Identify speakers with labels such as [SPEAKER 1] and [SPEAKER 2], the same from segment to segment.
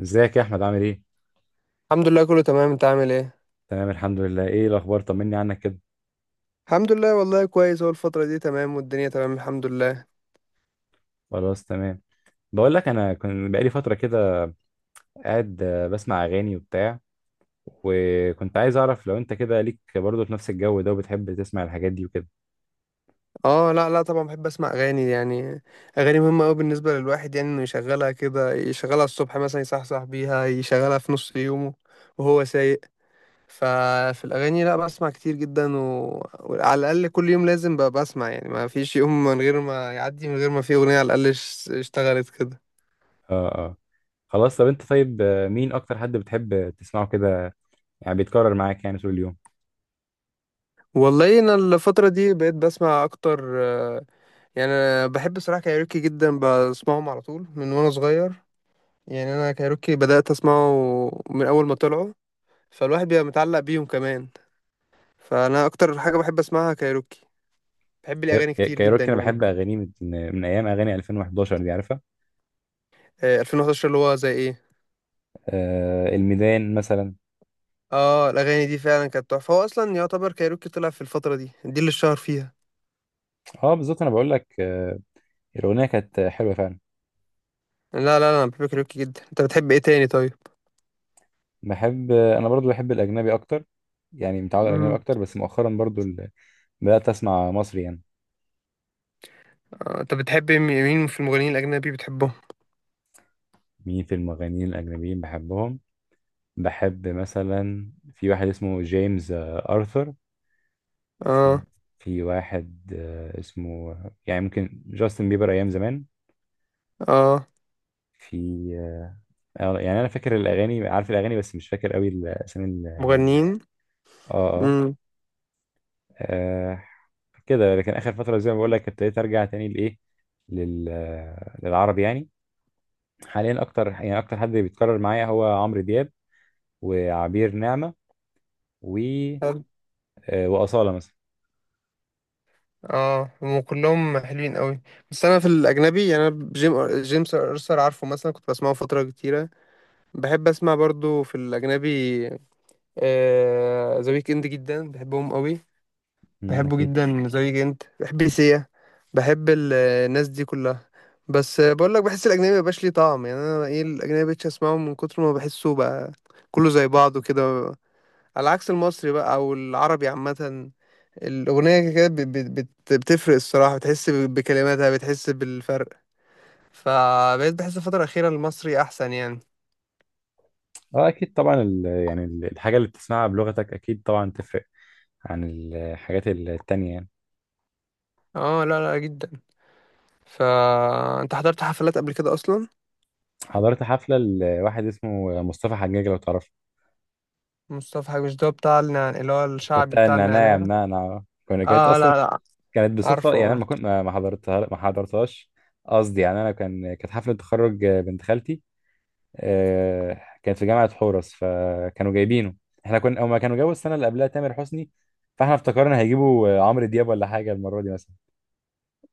[SPEAKER 1] ازيك يا احمد عامل ايه؟
[SPEAKER 2] الحمد لله كله تمام. انت عامل ايه؟
[SPEAKER 1] تمام الحمد لله. ايه الاخبار؟ طمني عنك كده.
[SPEAKER 2] الحمد لله والله كويس، هو الفترة دي تمام والدنيا تمام الحمد لله.
[SPEAKER 1] خلاص تمام. بقول لك انا كنت بقالي فتره كده قاعد بسمع اغاني وبتاع، وكنت عايز اعرف لو انت كده ليك برضه في نفس الجو ده وبتحب تسمع الحاجات دي وكده.
[SPEAKER 2] اه لا لا طبعا بحب اسمع اغاني يعني. اغاني مهمة قوي بالنسبة للواحد، يعني انه يشغلها كده، يشغلها الصبح مثلا يصحصح بيها، يشغلها في نص يومه وهو سايق. ففي الاغاني لا بسمع كتير جدا وعلى الاقل كل يوم لازم بقى بسمع، يعني ما فيش يوم من غير ما يعدي من غير ما في اغنية على الاقل اشتغلت كده.
[SPEAKER 1] اه اه. خلاص طب انت طيب، مين اكتر حد بتحب تسمعه كده؟ يعني بيتكرر معاك يعني طول اليوم.
[SPEAKER 2] والله انا الفترة دي بقيت بسمع اكتر، يعني انا بحب صراحه كايروكي جدا، بسمعهم على طول من وانا صغير. يعني انا كايروكي بدات اسمعه من اول ما طلعوا، فالواحد بيبقى متعلق بيهم كمان. فانا اكتر حاجه بحب اسمعها كايروكي، بحب الاغاني كتير جدا
[SPEAKER 1] كايروكي انا
[SPEAKER 2] يعني.
[SPEAKER 1] بحب اغانيه من من ايام اغاني 2011، دي عارفها؟
[SPEAKER 2] 2011 اللي هو زي ايه؟
[SPEAKER 1] آه الميدان مثلا.
[SPEAKER 2] اه الاغاني دي فعلا كانت تحفه، هو اصلا يعتبر كايروكي طلع في الفتره دي اللي اتشهر فيها.
[SPEAKER 1] اه بالظبط، انا بقول لك الاغنيه كانت حلوه فعلا.
[SPEAKER 2] لا لا لا انا بحب كايروكي جدا. انت بتحب ايه تاني طيب؟
[SPEAKER 1] بحب انا برضو، بحب الاجنبي اكتر، يعني متعود على الاجنبي
[SPEAKER 2] امم.
[SPEAKER 1] اكتر، بس مؤخرا برضو بدات اسمع مصري يعني.
[SPEAKER 2] انت بتحب مين مين في المغنيين الاجنبي بتحبهم؟
[SPEAKER 1] مين في المغنيين الاجنبيين بحبهم؟ بحب مثلا في واحد اسمه جيمس ارثر. في
[SPEAKER 2] اه
[SPEAKER 1] في واحد اسمه، يعني ممكن جاستن بيبر ايام زمان.
[SPEAKER 2] اه.
[SPEAKER 1] في يعني انا فاكر الاغاني، عارف الاغاني بس مش فاكر قوي الاسامي
[SPEAKER 2] مغنيين.
[SPEAKER 1] اه اه.
[SPEAKER 2] امم.
[SPEAKER 1] آه، كده. لكن اخر فتره زي ما بقول لك ابتديت ارجع تاني لايه، لل... آه، للعربي يعني. حاليا اكتر، يعني اكتر حد بيتكرر معايا هو عمرو دياب، وعبير نعمة، و وأصالة مثلا.
[SPEAKER 2] اه هم كلهم حلوين قوي. بس انا في الاجنبي، يعني انا جيمس ارثر عارفه، مثلا كنت بسمعه فتره كتيره. بحب اسمع برضو في الاجنبي، ذا ويك اند جدا بحبهم قوي.
[SPEAKER 1] مم،
[SPEAKER 2] بحبه
[SPEAKER 1] اكيد.
[SPEAKER 2] جدا ذا ويك اند، بحب سيا، بحب الناس دي كلها. بس بقول لك بحس الاجنبي مبقاش ليه طعم، يعني انا ايه، الاجنبي مبقتش اسمعه من كتر ما بحسه بقى كله زي بعضه كده، على عكس المصري بقى او العربي عامه. الأغنية كده كده بتفرق الصراحة، بتحس بكلماتها، بتحس بالفرق. فبقيت بحس الفترة الأخيرة المصري أحسن يعني.
[SPEAKER 1] اه اكيد طبعا، يعني الحاجة اللي بتسمعها بلغتك اكيد طبعا تفرق عن الحاجات التانية يعني.
[SPEAKER 2] اه لا لا جدا. فأنت حضرت حفلات قبل كده أصلا؟
[SPEAKER 1] حضرت حفلة لواحد اسمه مصطفى حجاج، لو تعرفه.
[SPEAKER 2] مصطفى حاج، مش ده بتاع اللي هو الشعبي
[SPEAKER 1] بتاع
[SPEAKER 2] بتاع
[SPEAKER 1] النعناع، يا
[SPEAKER 2] النعناع؟
[SPEAKER 1] منعنع، كانت
[SPEAKER 2] اه
[SPEAKER 1] اصلا
[SPEAKER 2] لا لا.
[SPEAKER 1] كانت بصدفة. يعني انا
[SPEAKER 2] عارفه.
[SPEAKER 1] ما حضرتها ما حضرتهاش. قصدي يعني انا كانت حفلة تخرج بنت خالتي، كان في جامعة حورس، فكانوا جايبينه. احنا كنا، هما كانوا جابوا السنة اللي قبلها تامر حسني، فاحنا افتكرنا هيجيبوا عمرو دياب ولا حاجة المرة دي مثلا.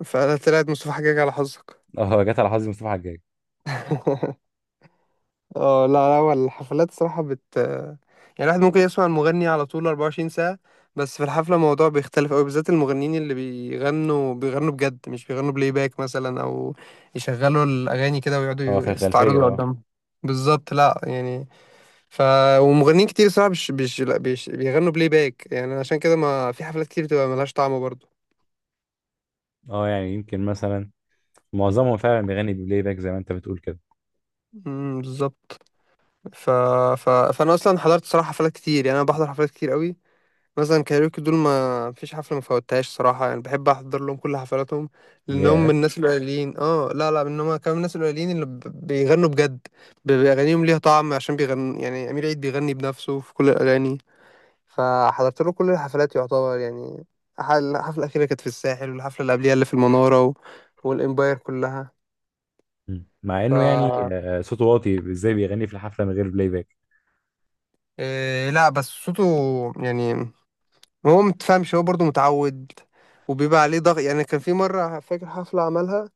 [SPEAKER 2] فأنا طلعت مصطفى حاجاج على حظك.
[SPEAKER 1] اه جت على حظي مصطفى حجاج.
[SPEAKER 2] اه لا لا، هو الحفلات صراحة بت يعني، الواحد ممكن يسمع المغني على طول 24 ساعة، بس في الحفلة الموضوع بيختلف أوي، بالذات المغنيين اللي بيغنوا بجد، مش بيغنوا بلاي باك مثلا، أو يشغلوا الأغاني كده ويقعدوا
[SPEAKER 1] اه في الخلفية
[SPEAKER 2] يستعرضوا
[SPEAKER 1] اه.
[SPEAKER 2] قدام. بالظبط لا يعني. ف ومغنيين كتير صراحة مش مش لا بيش... بيغنوا بلاي باك، يعني عشان كده ما في حفلات كتير بتبقى ملهاش طعم برضه.
[SPEAKER 1] اه يعني يمكن مثلا معظمهم فعلا بيغني بلاي باك زي ما انت بتقول كده.
[SPEAKER 2] بالظبط. ف... فأنا أصلا حضرت صراحة حفلات كتير، يعني أنا بحضر حفلات كتير أوي. مثلا كايروكي دول ما فيش حفلة ما فوتهاش صراحة، يعني بحب أحضر لهم كل حفلاتهم. لأن هم
[SPEAKER 1] ياه.
[SPEAKER 2] من الناس القليلين، اه لا لا إن هم كانوا من الناس القليلين اللي بيغنوا بجد، بأغانيهم ليها طعم عشان بيغنوا، يعني أمير عيد بيغني بنفسه في كل الأغاني. فحضرت له كل الحفلات يعتبر يعني. الحفلة الأخيرة كانت في الساحل، والحفلة اللي قبليها اللي في المنارة والإمباير كلها.
[SPEAKER 1] مم. مع انه يعني
[SPEAKER 2] ف
[SPEAKER 1] صوته واطي، ازاي بيغني في الحفلة من غير بلاي باك؟
[SPEAKER 2] إيه لا بس صوته، يعني هو متفهمش، هو برضه متعود، وبيبقى عليه ضغط. يعني كان في مرة، فاكر حفلة عملها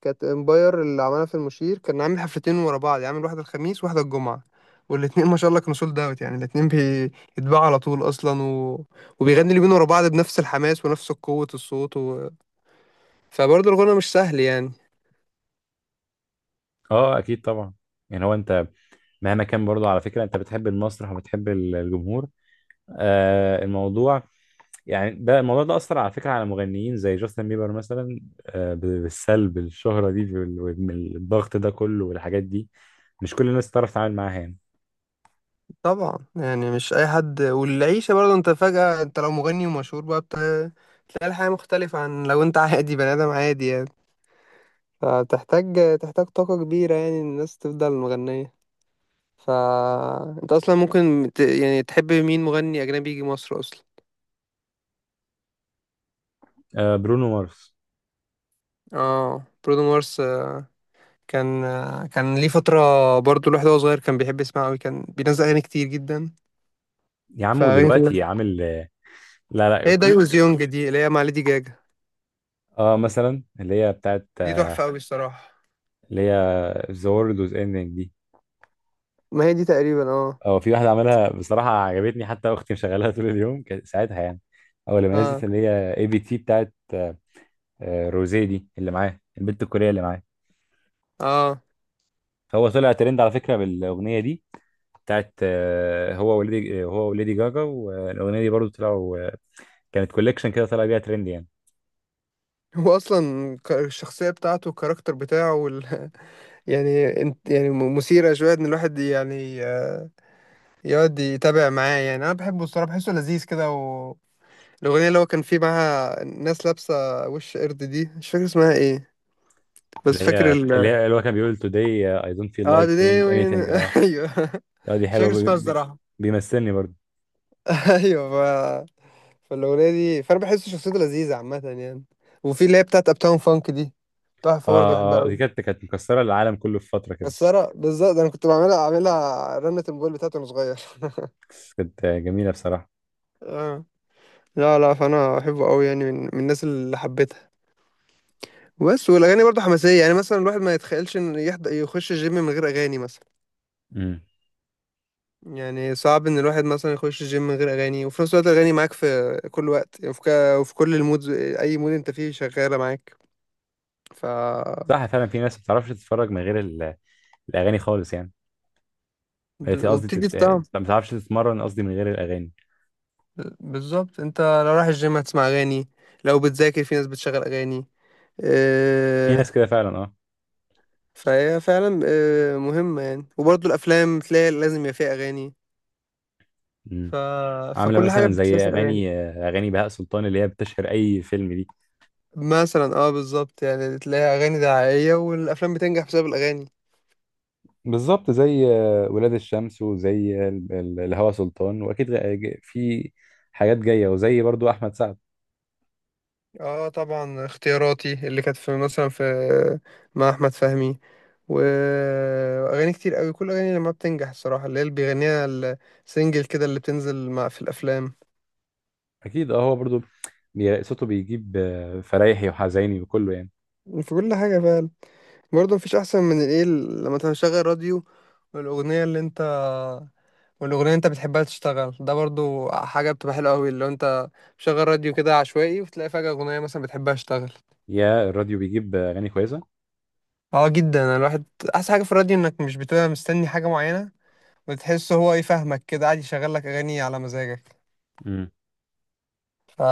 [SPEAKER 2] كانت امباير اللي عملها في المشير، كان عامل حفلتين ورا بعض، يعني عامل واحدة الخميس وواحدة الجمعة، والاتنين ما شاء الله كانوا سولد اوت، يعني الاتنين بيتباعوا على طول اصلا وبيغني اليومين ورا بعض بنفس الحماس ونفس قوة الصوت فبرضه الغنى مش سهل يعني.
[SPEAKER 1] اه اكيد طبعا. يعني هو انت مهما كان برضه، على فكرة، انت بتحب المسرح وبتحب الجمهور. آه الموضوع يعني ده الموضوع ده أثر على فكرة على مغنيين زي جاستن بيبر مثلا، بالسلب. الشهرة دي والضغط ده كله والحاجات دي مش كل الناس تعرف تتعامل معاها يعني.
[SPEAKER 2] طبعا يعني مش اي حد، والعيشة برضه، انت فجأة انت لو مغني ومشهور بقى تلاقي الحياة مختلفة عن لو انت عادي بني ادم عادي يعني. فبتحتاج تحتاج طاقة كبيرة يعني الناس تفضل مغنية. ف انت اصلا ممكن يعني تحب مين مغني اجنبي يجي مصر اصلا؟
[SPEAKER 1] برونو مارس.
[SPEAKER 2] اه برودو مارس. كان ليه فترة، برضو الواحد وهو صغير كان بيحب يسمعه أوي، كان بينزل أغاني كتير جدا.
[SPEAKER 1] يا عم
[SPEAKER 2] فأغاني
[SPEAKER 1] ودلوقتي
[SPEAKER 2] كلها
[SPEAKER 1] عامل لا لا
[SPEAKER 2] هي
[SPEAKER 1] كل.
[SPEAKER 2] دايوز يونج دي اللي هي مع ليدي جاجا،
[SPEAKER 1] اه مثلا اللي هي بتاعت
[SPEAKER 2] دي تحفة أوي الصراحة.
[SPEAKER 1] اللي هي ذا وورلد واز اندنج دي.
[SPEAKER 2] ما هي دي تقريبا اه.
[SPEAKER 1] اه في واحدة عملها بصراحة عجبتني، حتى أختي مشغلاها طول اليوم كانت ساعتها يعني، أول لما
[SPEAKER 2] اه
[SPEAKER 1] نزلت، اللي هي اي بي تي بتاعت روزيه دي اللي معاه البنت الكورية اللي معاه.
[SPEAKER 2] اه.
[SPEAKER 1] فهو طلع ترند على فكرة بالأغنية دي، بتاعت هو وليدي جاجا. والاغنيه دي برضو طلعوا، كانت كوليكشن كده طلع بيها ترند يعني.
[SPEAKER 2] هو أصلا الشخصية بتاعته، الكاركتر بتاعه يعني انت يعني مثيرة شوية إن الواحد يعني يقعد يتابع معاه. يعني أنا بحبه الصراحة، بحسه لذيذ كده. الأغنية اللي هو كان فيه معاها ناس لابسة وش قرد دي، مش فاكر اسمها ايه، بس فاكر
[SPEAKER 1] اللي هو كان بيقول today I don't feel
[SPEAKER 2] اه
[SPEAKER 1] like
[SPEAKER 2] دي دي
[SPEAKER 1] doing
[SPEAKER 2] وين.
[SPEAKER 1] anything. اه
[SPEAKER 2] ايوه.
[SPEAKER 1] اه دي
[SPEAKER 2] مش
[SPEAKER 1] حلوه
[SPEAKER 2] فاكر اسمها الصراحة.
[SPEAKER 1] بيمثلني برضو.
[SPEAKER 2] ايوه. فالأغنية دي فأنا بحس شخصيته لذيذة عامة يعني. وفي اللي هي بتاعت أبتاون فانك دي،
[SPEAKER 1] اه
[SPEAKER 2] تحفة برضه بحبها
[SPEAKER 1] اه دي
[SPEAKER 2] أوي.
[SPEAKER 1] كانت مكسره العالم كله في فتره كده.
[SPEAKER 2] مكسرة بالظبط، أنا كنت أعملها رنة الموبايل بتاعتي وأنا صغير.
[SPEAKER 1] كانت جميله بصراحه.
[SPEAKER 2] آه. لا لا فأنا أحبه أوي، يعني من الناس اللي حبيتها. بس والأغاني برضه حماسية، يعني مثلا الواحد ما يتخيلش إن يخش الجيم من غير أغاني مثلا،
[SPEAKER 1] امم.
[SPEAKER 2] يعني صعب ان الواحد مثلا يخش الجيم من غير اغاني. وفي نفس الوقت الاغاني معاك في كل وقت، يعني في وفي كل المود، اي مود انت فيه شغاله معاك. ف
[SPEAKER 1] صح فعلا، في ناس ما بتعرفش تتفرج من غير الاغاني خالص يعني. قصدي
[SPEAKER 2] وبتدي
[SPEAKER 1] تت...
[SPEAKER 2] الطعم.
[SPEAKER 1] ما بتعرفش تتمرن، قصدي، من غير الاغاني.
[SPEAKER 2] بالظبط، انت لو رايح الجيم هتسمع اغاني، لو بتذاكر في ناس بتشغل اغاني.
[SPEAKER 1] في ناس
[SPEAKER 2] آه،
[SPEAKER 1] كده فعلا.
[SPEAKER 2] فهي فعلا مهمه يعني، وبرضه الافلام تلاقي لازم يبقى فيها اغاني.
[SPEAKER 1] اه.
[SPEAKER 2] ف...
[SPEAKER 1] عامله
[SPEAKER 2] فكل حاجه
[SPEAKER 1] مثلا زي
[SPEAKER 2] بتتلاسى الاغاني.
[SPEAKER 1] اغاني بهاء سلطان اللي هي بتشهر اي فيلم دي.
[SPEAKER 2] مثلا اه بالظبط، يعني تلاقي اغاني دعائيه والافلام بتنجح بسبب الاغاني.
[SPEAKER 1] بالظبط زي ولاد الشمس، وزي الهوى سلطان، واكيد في حاجات جايه، وزي برضو احمد سعد.
[SPEAKER 2] اه طبعا، اختياراتي اللي كانت في مثلا في مع احمد فهمي و- واغاني كتير قوي، كل اغاني لما بتنجح الصراحه اللي هي اللي بيغنيها السنجل كده اللي بتنزل مع في الافلام.
[SPEAKER 1] اكيد. اه هو برضو صوته بيجيب فرايحي وحزيني وكله يعني.
[SPEAKER 2] في كل حاجه فعلا. برضه مفيش احسن من الايه لما تشغل راديو، والاغنيه اللي انت والاغنيه اللي انت بتحبها تشتغل. ده برضه حاجه بتبقى حلوه قوي، اللي هو انت مشغل راديو كده عشوائي وتلاقي فجاه اغنيه مثلا بتحبها تشتغل.
[SPEAKER 1] يا الراديو بيجيب اغاني كويسه.
[SPEAKER 2] اه جدا الواحد. احسن حاجه في الراديو انك مش بتبقى مستني حاجه معينه، بتحس هو يفهمك كده قاعد يشغل لك اغاني على مزاجك.
[SPEAKER 1] امم.
[SPEAKER 2] ف...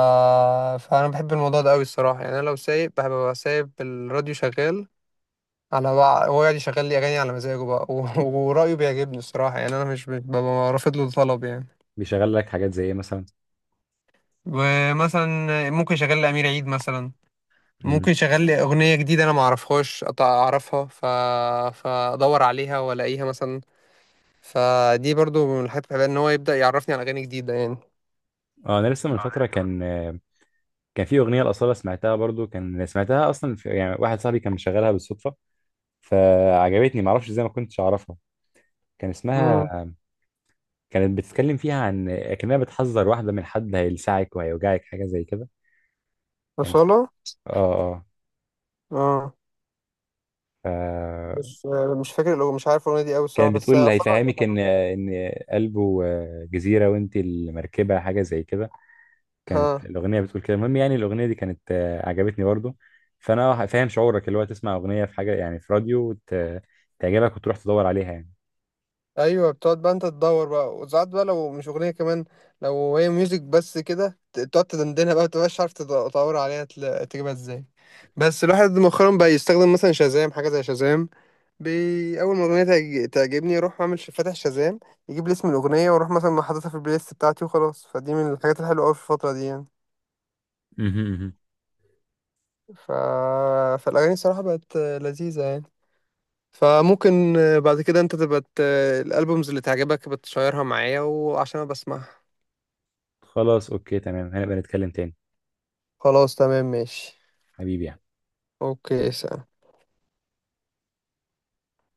[SPEAKER 2] فانا بحب الموضوع ده قوي الصراحه، يعني انا لو سايق بحب ابقى سايب الراديو شغال على بقى، هو قاعد يشغل لي اغاني على مزاجه بقى ورايه بيعجبني الصراحه، يعني انا مش ببقى رافض له طلب يعني.
[SPEAKER 1] بيشغل لك حاجات زي ايه مثلا؟
[SPEAKER 2] ومثلا ممكن يشغل لي امير عيد مثلا، ممكن
[SPEAKER 1] امم.
[SPEAKER 2] يشغل لي اغنيه جديده انا ما اعرفهاش، اعرفها. فادور عليها والاقيها مثلا. فدي برضو من الحاجات اللي بحبها ان هو يبدا يعرفني على اغاني جديده يعني.
[SPEAKER 1] اه انا لسه من فتره كان كان في اغنيه الاصاله، سمعتها برضو، كان سمعتها اصلا في، يعني واحد صاحبي كان مشغلها بالصدفه فعجبتني، معرفش ازاي ما كنتش اعرفها. كان
[SPEAKER 2] امم.
[SPEAKER 1] اسمها، كانت بتتكلم فيها عن، كأنها بتحذر واحدة من حد هيلسعك وهيوجعك حاجة زي كده. كان اسم...
[SPEAKER 2] وصلها.
[SPEAKER 1] اه اه.
[SPEAKER 2] اه.
[SPEAKER 1] ف...
[SPEAKER 2] مش مش فاكر، لو مش عارف الاغنيه دي قوي الصراحه
[SPEAKER 1] كانت
[SPEAKER 2] بس
[SPEAKER 1] بتقول هيفهمك ان
[SPEAKER 2] اصلا.
[SPEAKER 1] قلبه جزيرة وانت المركبة، حاجة زي كده كانت
[SPEAKER 2] ها.
[SPEAKER 1] الأغنية بتقول كده. المهم يعني الأغنية دي كانت عجبتني برضه. فأنا فاهم شعورك، اللي هو تسمع أغنية في حاجة يعني في راديو تعجبك وتروح تدور عليها يعني.
[SPEAKER 2] ايوه بتقعد بقى انت تدور بقى، وساعات بقى لو مش اغنيه كمان، لو هي ميوزك بس كده تقعد تدندنها بقى، متبقاش عارف تدور عليها تجيبها ازاي. بس الواحد مؤخرا بقى يستخدم مثلا شازام، حاجه زي شازام. اول ما اغنيه تعجبني اروح اعمل فاتح شازام، يجيب لي اسم الاغنيه، واروح مثلا حاططها في البلاي ليست بتاعتي وخلاص. فدي من الحاجات الحلوه قوي في الفتره دي يعني.
[SPEAKER 1] مهم، مهم.
[SPEAKER 2] ف... فالاغاني الصراحه بقت لذيذه يعني. فممكن بعد كده انت تبقى الالبومز اللي تعجبك بتشيرها معايا وعشان انا بسمعها.
[SPEAKER 1] خلاص اوكي تمام، هنبقى نتكلم تاني.
[SPEAKER 2] خلاص تمام ماشي.
[SPEAKER 1] حبيبي يعني.
[SPEAKER 2] اوكي.